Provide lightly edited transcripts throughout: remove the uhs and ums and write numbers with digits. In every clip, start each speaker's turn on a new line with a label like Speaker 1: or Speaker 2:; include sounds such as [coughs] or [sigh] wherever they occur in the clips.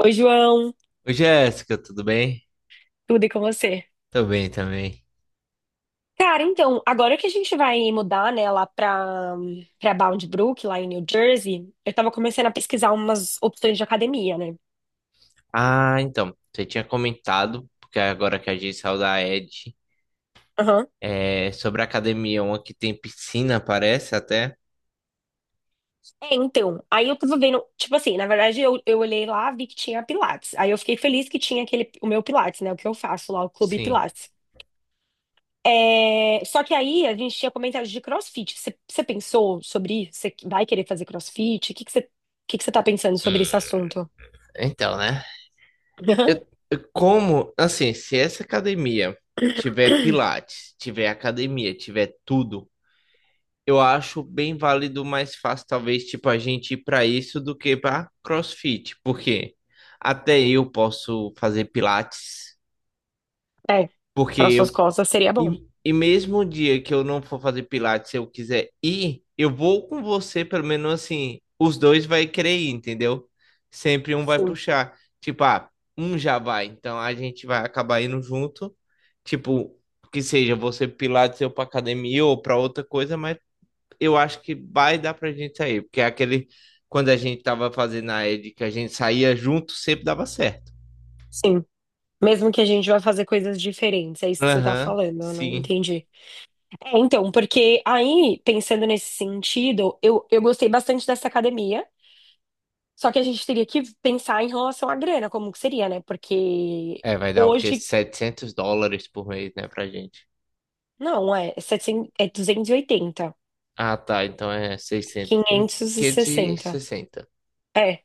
Speaker 1: Oi, João,
Speaker 2: Oi, Jéssica, tudo bem?
Speaker 1: tudo e com você?
Speaker 2: Tô bem também.
Speaker 1: Cara, então, agora que a gente vai mudar, né, lá pra Bound Brook, lá em New Jersey, eu tava começando a pesquisar umas opções de academia, né?
Speaker 2: Ah, então, você tinha comentado, porque agora que a gente saiu da Ed,
Speaker 1: Aham.
Speaker 2: sobre a academia, uma que tem piscina, parece até.
Speaker 1: É, então, aí eu tava vendo, tipo assim, na verdade eu olhei lá, vi que tinha Pilates. Aí eu fiquei feliz que tinha aquele, o meu Pilates, né, o que eu faço lá, o Clube
Speaker 2: Sim.
Speaker 1: Pilates. É, só que aí a gente tinha comentado de CrossFit. Você pensou sobre isso? Você vai querer fazer CrossFit? O que que você tá pensando sobre
Speaker 2: Hum,
Speaker 1: esse assunto?
Speaker 2: então, né?
Speaker 1: [laughs] Aham.
Speaker 2: Eu, como, assim, se essa academia tiver
Speaker 1: [coughs]
Speaker 2: pilates, tiver academia, tiver tudo, eu acho bem válido, mais fácil, talvez, tipo, a gente ir pra isso do que pra CrossFit, porque até eu posso fazer pilates.
Speaker 1: É,
Speaker 2: Porque
Speaker 1: para suas
Speaker 2: eu
Speaker 1: costas seria bom.
Speaker 2: E, mesmo o dia que eu não for fazer pilates, se eu quiser ir, eu vou com você, pelo menos assim, os dois vai querer ir, entendeu? Sempre um vai
Speaker 1: Sim,
Speaker 2: puxar. Tipo, ah, um já vai, então a gente vai acabar indo junto. Tipo, que seja você pro pilates, eu pra academia ou pra outra coisa, mas eu acho que vai dar pra gente sair, porque é aquele quando a gente tava fazendo a ED, que a gente saía junto, sempre dava certo.
Speaker 1: sim. Mesmo que a gente vá fazer coisas diferentes, é isso que você tá
Speaker 2: Aham,
Speaker 1: falando, eu não
Speaker 2: sim.
Speaker 1: entendi. É, então, porque aí, pensando nesse sentido, eu gostei bastante dessa academia, só que a gente teria que pensar em relação à grana, como que seria, né? Porque
Speaker 2: É, vai dar o quê?
Speaker 1: hoje,
Speaker 2: $700 por mês, né, pra gente.
Speaker 1: não, é, 700, é 280,
Speaker 2: Ah, tá, então é 600,
Speaker 1: 560.
Speaker 2: 560.
Speaker 1: É.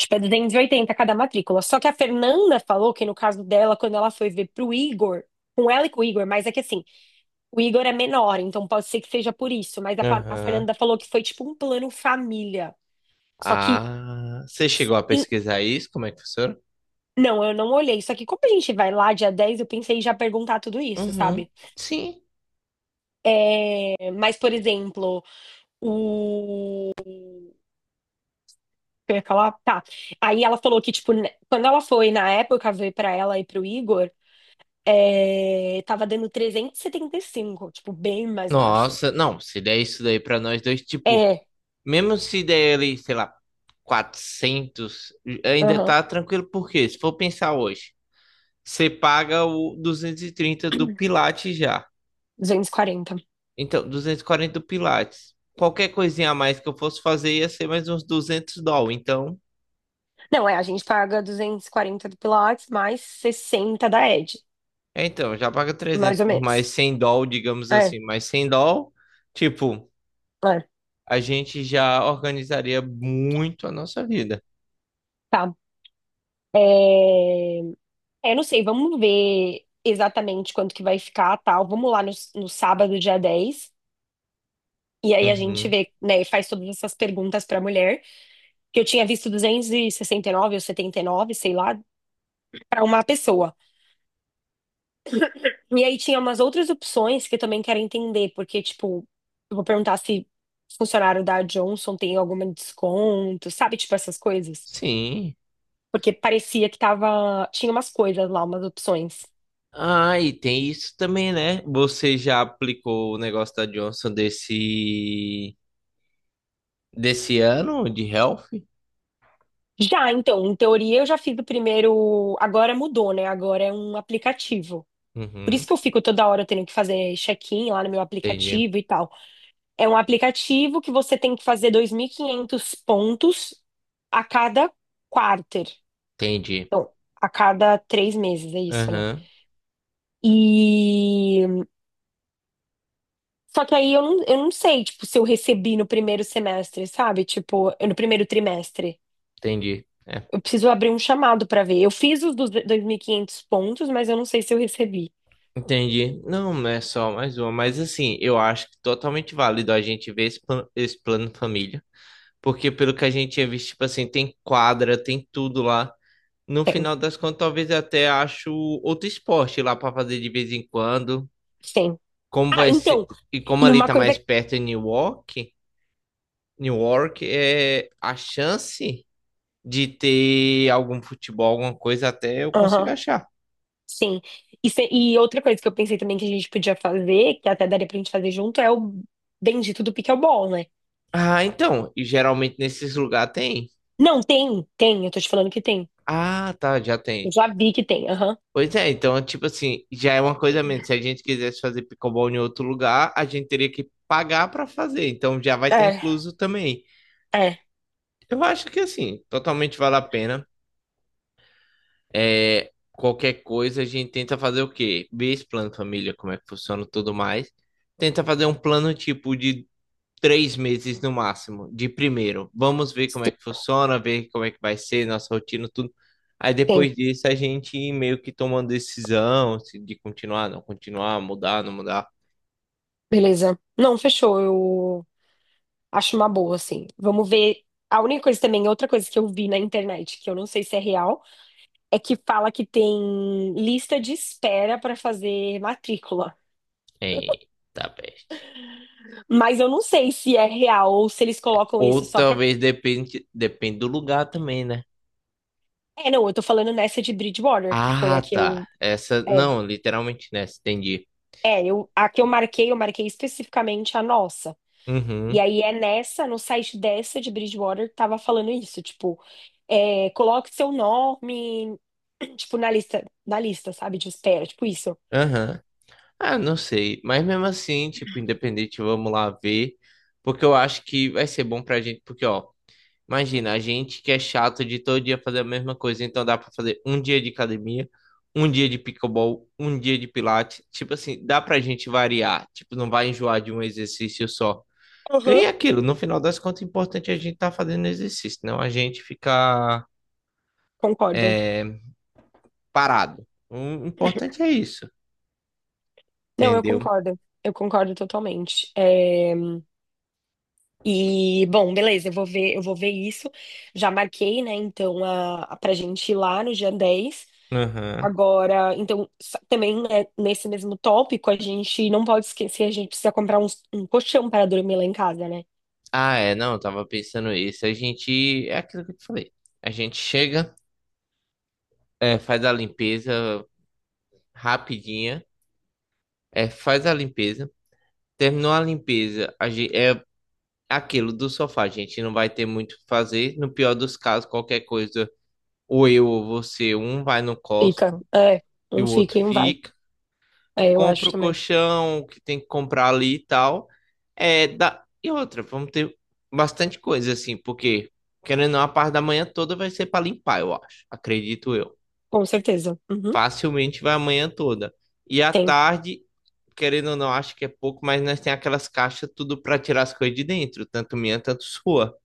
Speaker 1: Tipo, é 280 cada matrícula. Só que a Fernanda falou que no caso dela, quando ela foi ver pro Igor, com ela e com o Igor, mas é que assim, o Igor é menor, então pode ser que seja por isso. Mas a
Speaker 2: Aham.
Speaker 1: Fernanda falou que foi tipo um plano família. Só que,
Speaker 2: Ah, você chegou a
Speaker 1: em-
Speaker 2: pesquisar isso? Como é que funciona?
Speaker 1: não, eu não olhei. Só que como a gente vai lá dia 10, eu pensei em já perguntar tudo isso,
Speaker 2: Uhum.
Speaker 1: sabe?
Speaker 2: Sim.
Speaker 1: É, mas, por exemplo, o. Eu ia falar, tá. Aí ela falou que, tipo, né, quando ela foi na época ver pra ela e pro Igor. É, tava dando 375, tipo, bem mais baixo.
Speaker 2: Nossa, não, se der isso daí pra nós dois, tipo,
Speaker 1: É,
Speaker 2: mesmo se der ele, sei lá, 400, ainda
Speaker 1: aham,
Speaker 2: tá tranquilo, porque se for pensar hoje, você paga o 230 do Pilates já.
Speaker 1: 240.
Speaker 2: Então, 240 do Pilates. Qualquer coisinha a mais que eu fosse fazer ia ser mais uns 200 doll. Então,
Speaker 1: Não, é, a gente paga 240 do Pilates mais 60 da Ed,
Speaker 2: já paga
Speaker 1: mais
Speaker 2: 300
Speaker 1: ou
Speaker 2: por mais
Speaker 1: menos.
Speaker 2: 100 doll, digamos
Speaker 1: É,
Speaker 2: assim. Mais 100 doll, tipo,
Speaker 1: é,
Speaker 2: a gente já organizaria muito a nossa vida.
Speaker 1: tá. É, é, não sei, vamos ver exatamente quanto que vai ficar, tal. Vamos lá no sábado, dia 10. E aí a gente
Speaker 2: Uhum.
Speaker 1: vê, né, e faz todas essas perguntas pra mulher, que eu tinha visto duzentos e sessenta e nove ou 79, sei lá, pra uma pessoa. E aí tinha umas outras opções que eu também quero entender, porque, tipo, eu vou perguntar se funcionário da Johnson tem algum desconto, sabe? Tipo, essas coisas.
Speaker 2: Sim.
Speaker 1: Porque parecia que tava. Tinha umas coisas lá, umas opções.
Speaker 2: Ah, e tem isso também, né? Você já aplicou o negócio da Johnson desse ano de health?
Speaker 1: Já, então, em teoria eu já fiz o primeiro. Agora mudou, né? Agora é um aplicativo. Por isso
Speaker 2: Uhum.
Speaker 1: que eu fico toda hora tendo que fazer check-in lá no meu
Speaker 2: Entendi.
Speaker 1: aplicativo e tal. É um aplicativo que você tem que fazer 2.500 pontos a cada quarter.
Speaker 2: Entendi.
Speaker 1: Então, a cada 3 meses, é isso, né?
Speaker 2: Aham.
Speaker 1: E. Só que aí eu não sei, tipo, se eu recebi no primeiro semestre, sabe? Tipo, no primeiro trimestre.
Speaker 2: Entendi. É.
Speaker 1: Eu preciso abrir um chamado pra ver. Eu fiz os dos 2.500 pontos, mas eu não sei se eu recebi.
Speaker 2: Entendi. Não, é só mais uma, mas assim, eu acho que totalmente válido a gente ver esse plano família, porque pelo que a gente tinha visto, tipo assim, tem quadra, tem tudo lá. No
Speaker 1: Tem,
Speaker 2: final das contas, talvez eu até acho outro esporte lá para fazer de vez em quando.
Speaker 1: tem.
Speaker 2: Como
Speaker 1: Ah,
Speaker 2: vai ser,
Speaker 1: então,
Speaker 2: e como
Speaker 1: e
Speaker 2: ali
Speaker 1: uma
Speaker 2: tá
Speaker 1: coisa.
Speaker 2: mais perto em Newark, Newark é a chance de ter algum futebol, alguma coisa até eu consigo
Speaker 1: Aham,
Speaker 2: achar.
Speaker 1: sim. E, e outra coisa que eu pensei também que a gente podia fazer, que até daria pra gente fazer junto, é o bendito do pickleball, né?
Speaker 2: Ah, então, e geralmente nesses lugares tem.
Speaker 1: Não, tem, tem. Eu tô te falando que tem.
Speaker 2: Ah, tá, já tem.
Speaker 1: Eu já vi que tem. Aham.
Speaker 2: Pois é, então, tipo assim, já é uma coisa a menos. Se a gente quisesse fazer pickleball em outro lugar, a gente teria que pagar para fazer. Então já vai estar
Speaker 1: É,
Speaker 2: incluso também.
Speaker 1: é.
Speaker 2: Eu acho que assim, totalmente vale a pena. É, qualquer coisa a gente tenta fazer o quê? Ver esse plano de família, como é que funciona e tudo mais. Tenta fazer um plano tipo de 3 meses no máximo, de primeiro. Vamos ver como é
Speaker 1: Si-
Speaker 2: que funciona, ver como é que vai ser nossa rotina, tudo. Aí
Speaker 1: Sim,
Speaker 2: depois disso a gente meio que toma uma decisão se de continuar, não continuar, mudar, não mudar.
Speaker 1: beleza. Não, fechou. Eu acho uma boa, assim. Vamos ver. A única coisa também, outra coisa que eu vi na internet, que eu não sei se é real, é que fala que tem lista de espera para fazer matrícula.
Speaker 2: Eita peste.
Speaker 1: Mas eu não sei se é real ou se eles colocam
Speaker 2: Ou
Speaker 1: isso só para.
Speaker 2: talvez depende, depende do lugar também, né?
Speaker 1: É, não, eu tô falando nessa de Bridgewater, que foi
Speaker 2: Ah,
Speaker 1: a que
Speaker 2: tá.
Speaker 1: eu.
Speaker 2: Essa,
Speaker 1: É,
Speaker 2: não, literalmente nessa, entendi.
Speaker 1: é, a que eu marquei especificamente a nossa. E
Speaker 2: Uhum,
Speaker 1: aí é nessa, no site dessa de Bridgewater, que tava falando isso, tipo, é, coloque seu nome, [clears throat] tipo, na lista, sabe, de espera, tipo isso.
Speaker 2: aham. Ah, não sei. Mas mesmo assim, tipo, independente, vamos lá ver. Porque eu acho que vai ser bom pra gente, porque, ó. Imagina, a gente que é chato de todo dia fazer a mesma coisa, então dá pra fazer um dia de academia, um dia de pickleball, um dia de pilates. Tipo assim, dá pra gente variar. Tipo, não vai enjoar de um exercício só. E
Speaker 1: Aham.
Speaker 2: é aquilo, no final das contas, o importante é a gente estar tá fazendo exercício, não a gente ficar
Speaker 1: Concordo.
Speaker 2: é, parado. O
Speaker 1: [clears throat]
Speaker 2: importante é isso,
Speaker 1: Não, eu
Speaker 2: entendeu?
Speaker 1: concordo. Eu concordo totalmente. É. E, bom, beleza, eu vou ver isso. Já marquei, né? Então, pra gente ir lá no dia 10.
Speaker 2: Aham.
Speaker 1: Agora, então, também, né, nesse mesmo tópico, a gente não pode esquecer, a gente precisa comprar um colchão para dormir lá em casa, né?
Speaker 2: Ah, é, não, eu tava pensando isso. A gente, é aquilo que eu te falei. A gente chega, faz a limpeza rapidinha. É, faz a limpeza. Terminou a limpeza, a gente, é aquilo do sofá, a gente não vai ter muito o que fazer. No pior dos casos, qualquer coisa, ou eu ou você, um vai no
Speaker 1: Fica,
Speaker 2: Costco
Speaker 1: é,
Speaker 2: e
Speaker 1: um
Speaker 2: o
Speaker 1: fica
Speaker 2: outro
Speaker 1: e um vai.
Speaker 2: fica.
Speaker 1: É, eu acho
Speaker 2: Compra o
Speaker 1: também.
Speaker 2: colchão que tem que comprar ali e tal. É, dá... E outra, vamos ter bastante coisa assim, porque querendo ou não, a parte da manhã toda vai ser para limpar, eu acho. Acredito eu.
Speaker 1: Com certeza. Uhum,
Speaker 2: Facilmente vai a manhã toda. E à
Speaker 1: tem.
Speaker 2: tarde, querendo ou não, acho que é pouco, mas nós tem aquelas caixas tudo para tirar as coisas de dentro, tanto minha, tanto sua,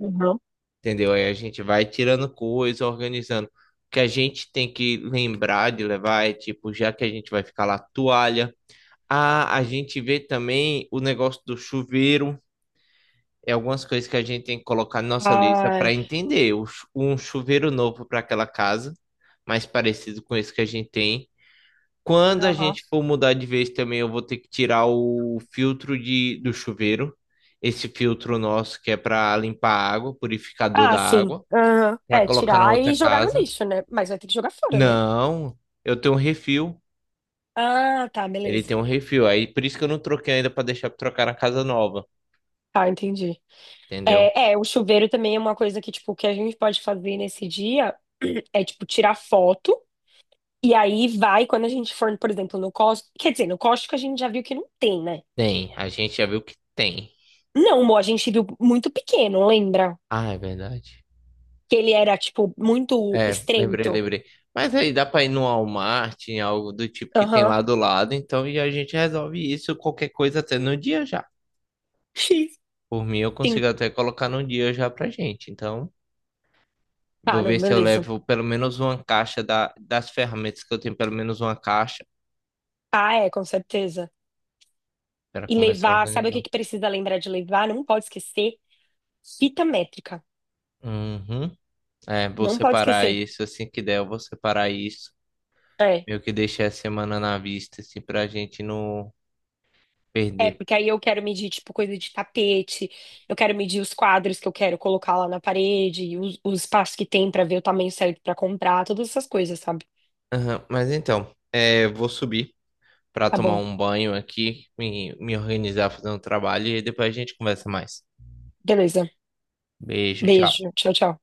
Speaker 1: Uhum.
Speaker 2: entendeu? Aí a gente vai tirando coisa, organizando. O que a gente tem que lembrar de levar é tipo, já que a gente vai ficar lá, toalha. Ah, a gente vê também o negócio do chuveiro. É algumas coisas que a gente tem que colocar na nossa lista
Speaker 1: Ah,
Speaker 2: para entender. O chu- um chuveiro novo para aquela casa, mais parecido com esse que a gente tem. Quando a
Speaker 1: aham.
Speaker 2: gente for mudar de vez também, eu vou ter que tirar o filtro do chuveiro. Esse filtro nosso que é para limpar a água, purificador
Speaker 1: Ah,
Speaker 2: da
Speaker 1: sim.
Speaker 2: água,
Speaker 1: Aham.
Speaker 2: para
Speaker 1: É,
Speaker 2: colocar na
Speaker 1: tirar
Speaker 2: outra
Speaker 1: e jogar no
Speaker 2: casa.
Speaker 1: lixo, né? Mas vai ter que jogar fora, né?
Speaker 2: Não, eu tenho um refil.
Speaker 1: Ah, tá,
Speaker 2: Ele
Speaker 1: beleza.
Speaker 2: tem um refil. Aí por isso que eu não troquei ainda para deixar para trocar na casa nova,
Speaker 1: Tá, entendi.
Speaker 2: entendeu?
Speaker 1: É, é, o chuveiro também é uma coisa que, tipo, que a gente pode fazer nesse dia [clears throat] é, tipo, tirar foto e aí vai, quando a gente for, por exemplo, no Costco. Quer dizer, no Costco a gente já viu que não tem, né?
Speaker 2: Tem, a gente já viu que tem.
Speaker 1: Não, amor, a gente viu muito pequeno, lembra?
Speaker 2: Ah, é verdade.
Speaker 1: Que ele era, tipo, muito
Speaker 2: É, lembrei,
Speaker 1: estreito.
Speaker 2: lembrei. Mas aí dá para ir no Walmart, em algo do tipo que tem
Speaker 1: Aham.
Speaker 2: lá do lado, então e a gente resolve isso, qualquer coisa até no dia já.
Speaker 1: X.
Speaker 2: Por mim, eu
Speaker 1: Sim.
Speaker 2: consigo até colocar num dia já pra gente. Então,
Speaker 1: Tá,
Speaker 2: vou
Speaker 1: não,
Speaker 2: ver se eu
Speaker 1: beleza.
Speaker 2: levo pelo menos uma caixa das ferramentas que eu tenho, pelo menos uma caixa
Speaker 1: Ah, é, com certeza.
Speaker 2: para
Speaker 1: E
Speaker 2: começar a
Speaker 1: levar, sabe o que
Speaker 2: organizar.
Speaker 1: que precisa lembrar de levar? Não pode esquecer. Fita métrica.
Speaker 2: Uhum. É, vou
Speaker 1: Não pode
Speaker 2: separar
Speaker 1: esquecer.
Speaker 2: isso assim que der, eu vou separar isso.
Speaker 1: É.
Speaker 2: Meio que deixar a semana na vista, assim, pra gente não
Speaker 1: É,
Speaker 2: perder.
Speaker 1: porque aí eu quero medir, tipo, coisa de tapete, eu quero medir os quadros que eu quero colocar lá na parede, o espaço que tem pra ver o tamanho certo pra comprar, todas essas coisas, sabe?
Speaker 2: Aham, mas então, é, vou subir pra
Speaker 1: Tá
Speaker 2: tomar
Speaker 1: bom.
Speaker 2: um banho aqui, me organizar, fazer um trabalho e depois a gente conversa mais.
Speaker 1: Beleza.
Speaker 2: Beijo, tchau.
Speaker 1: Beijo. Tchau, tchau.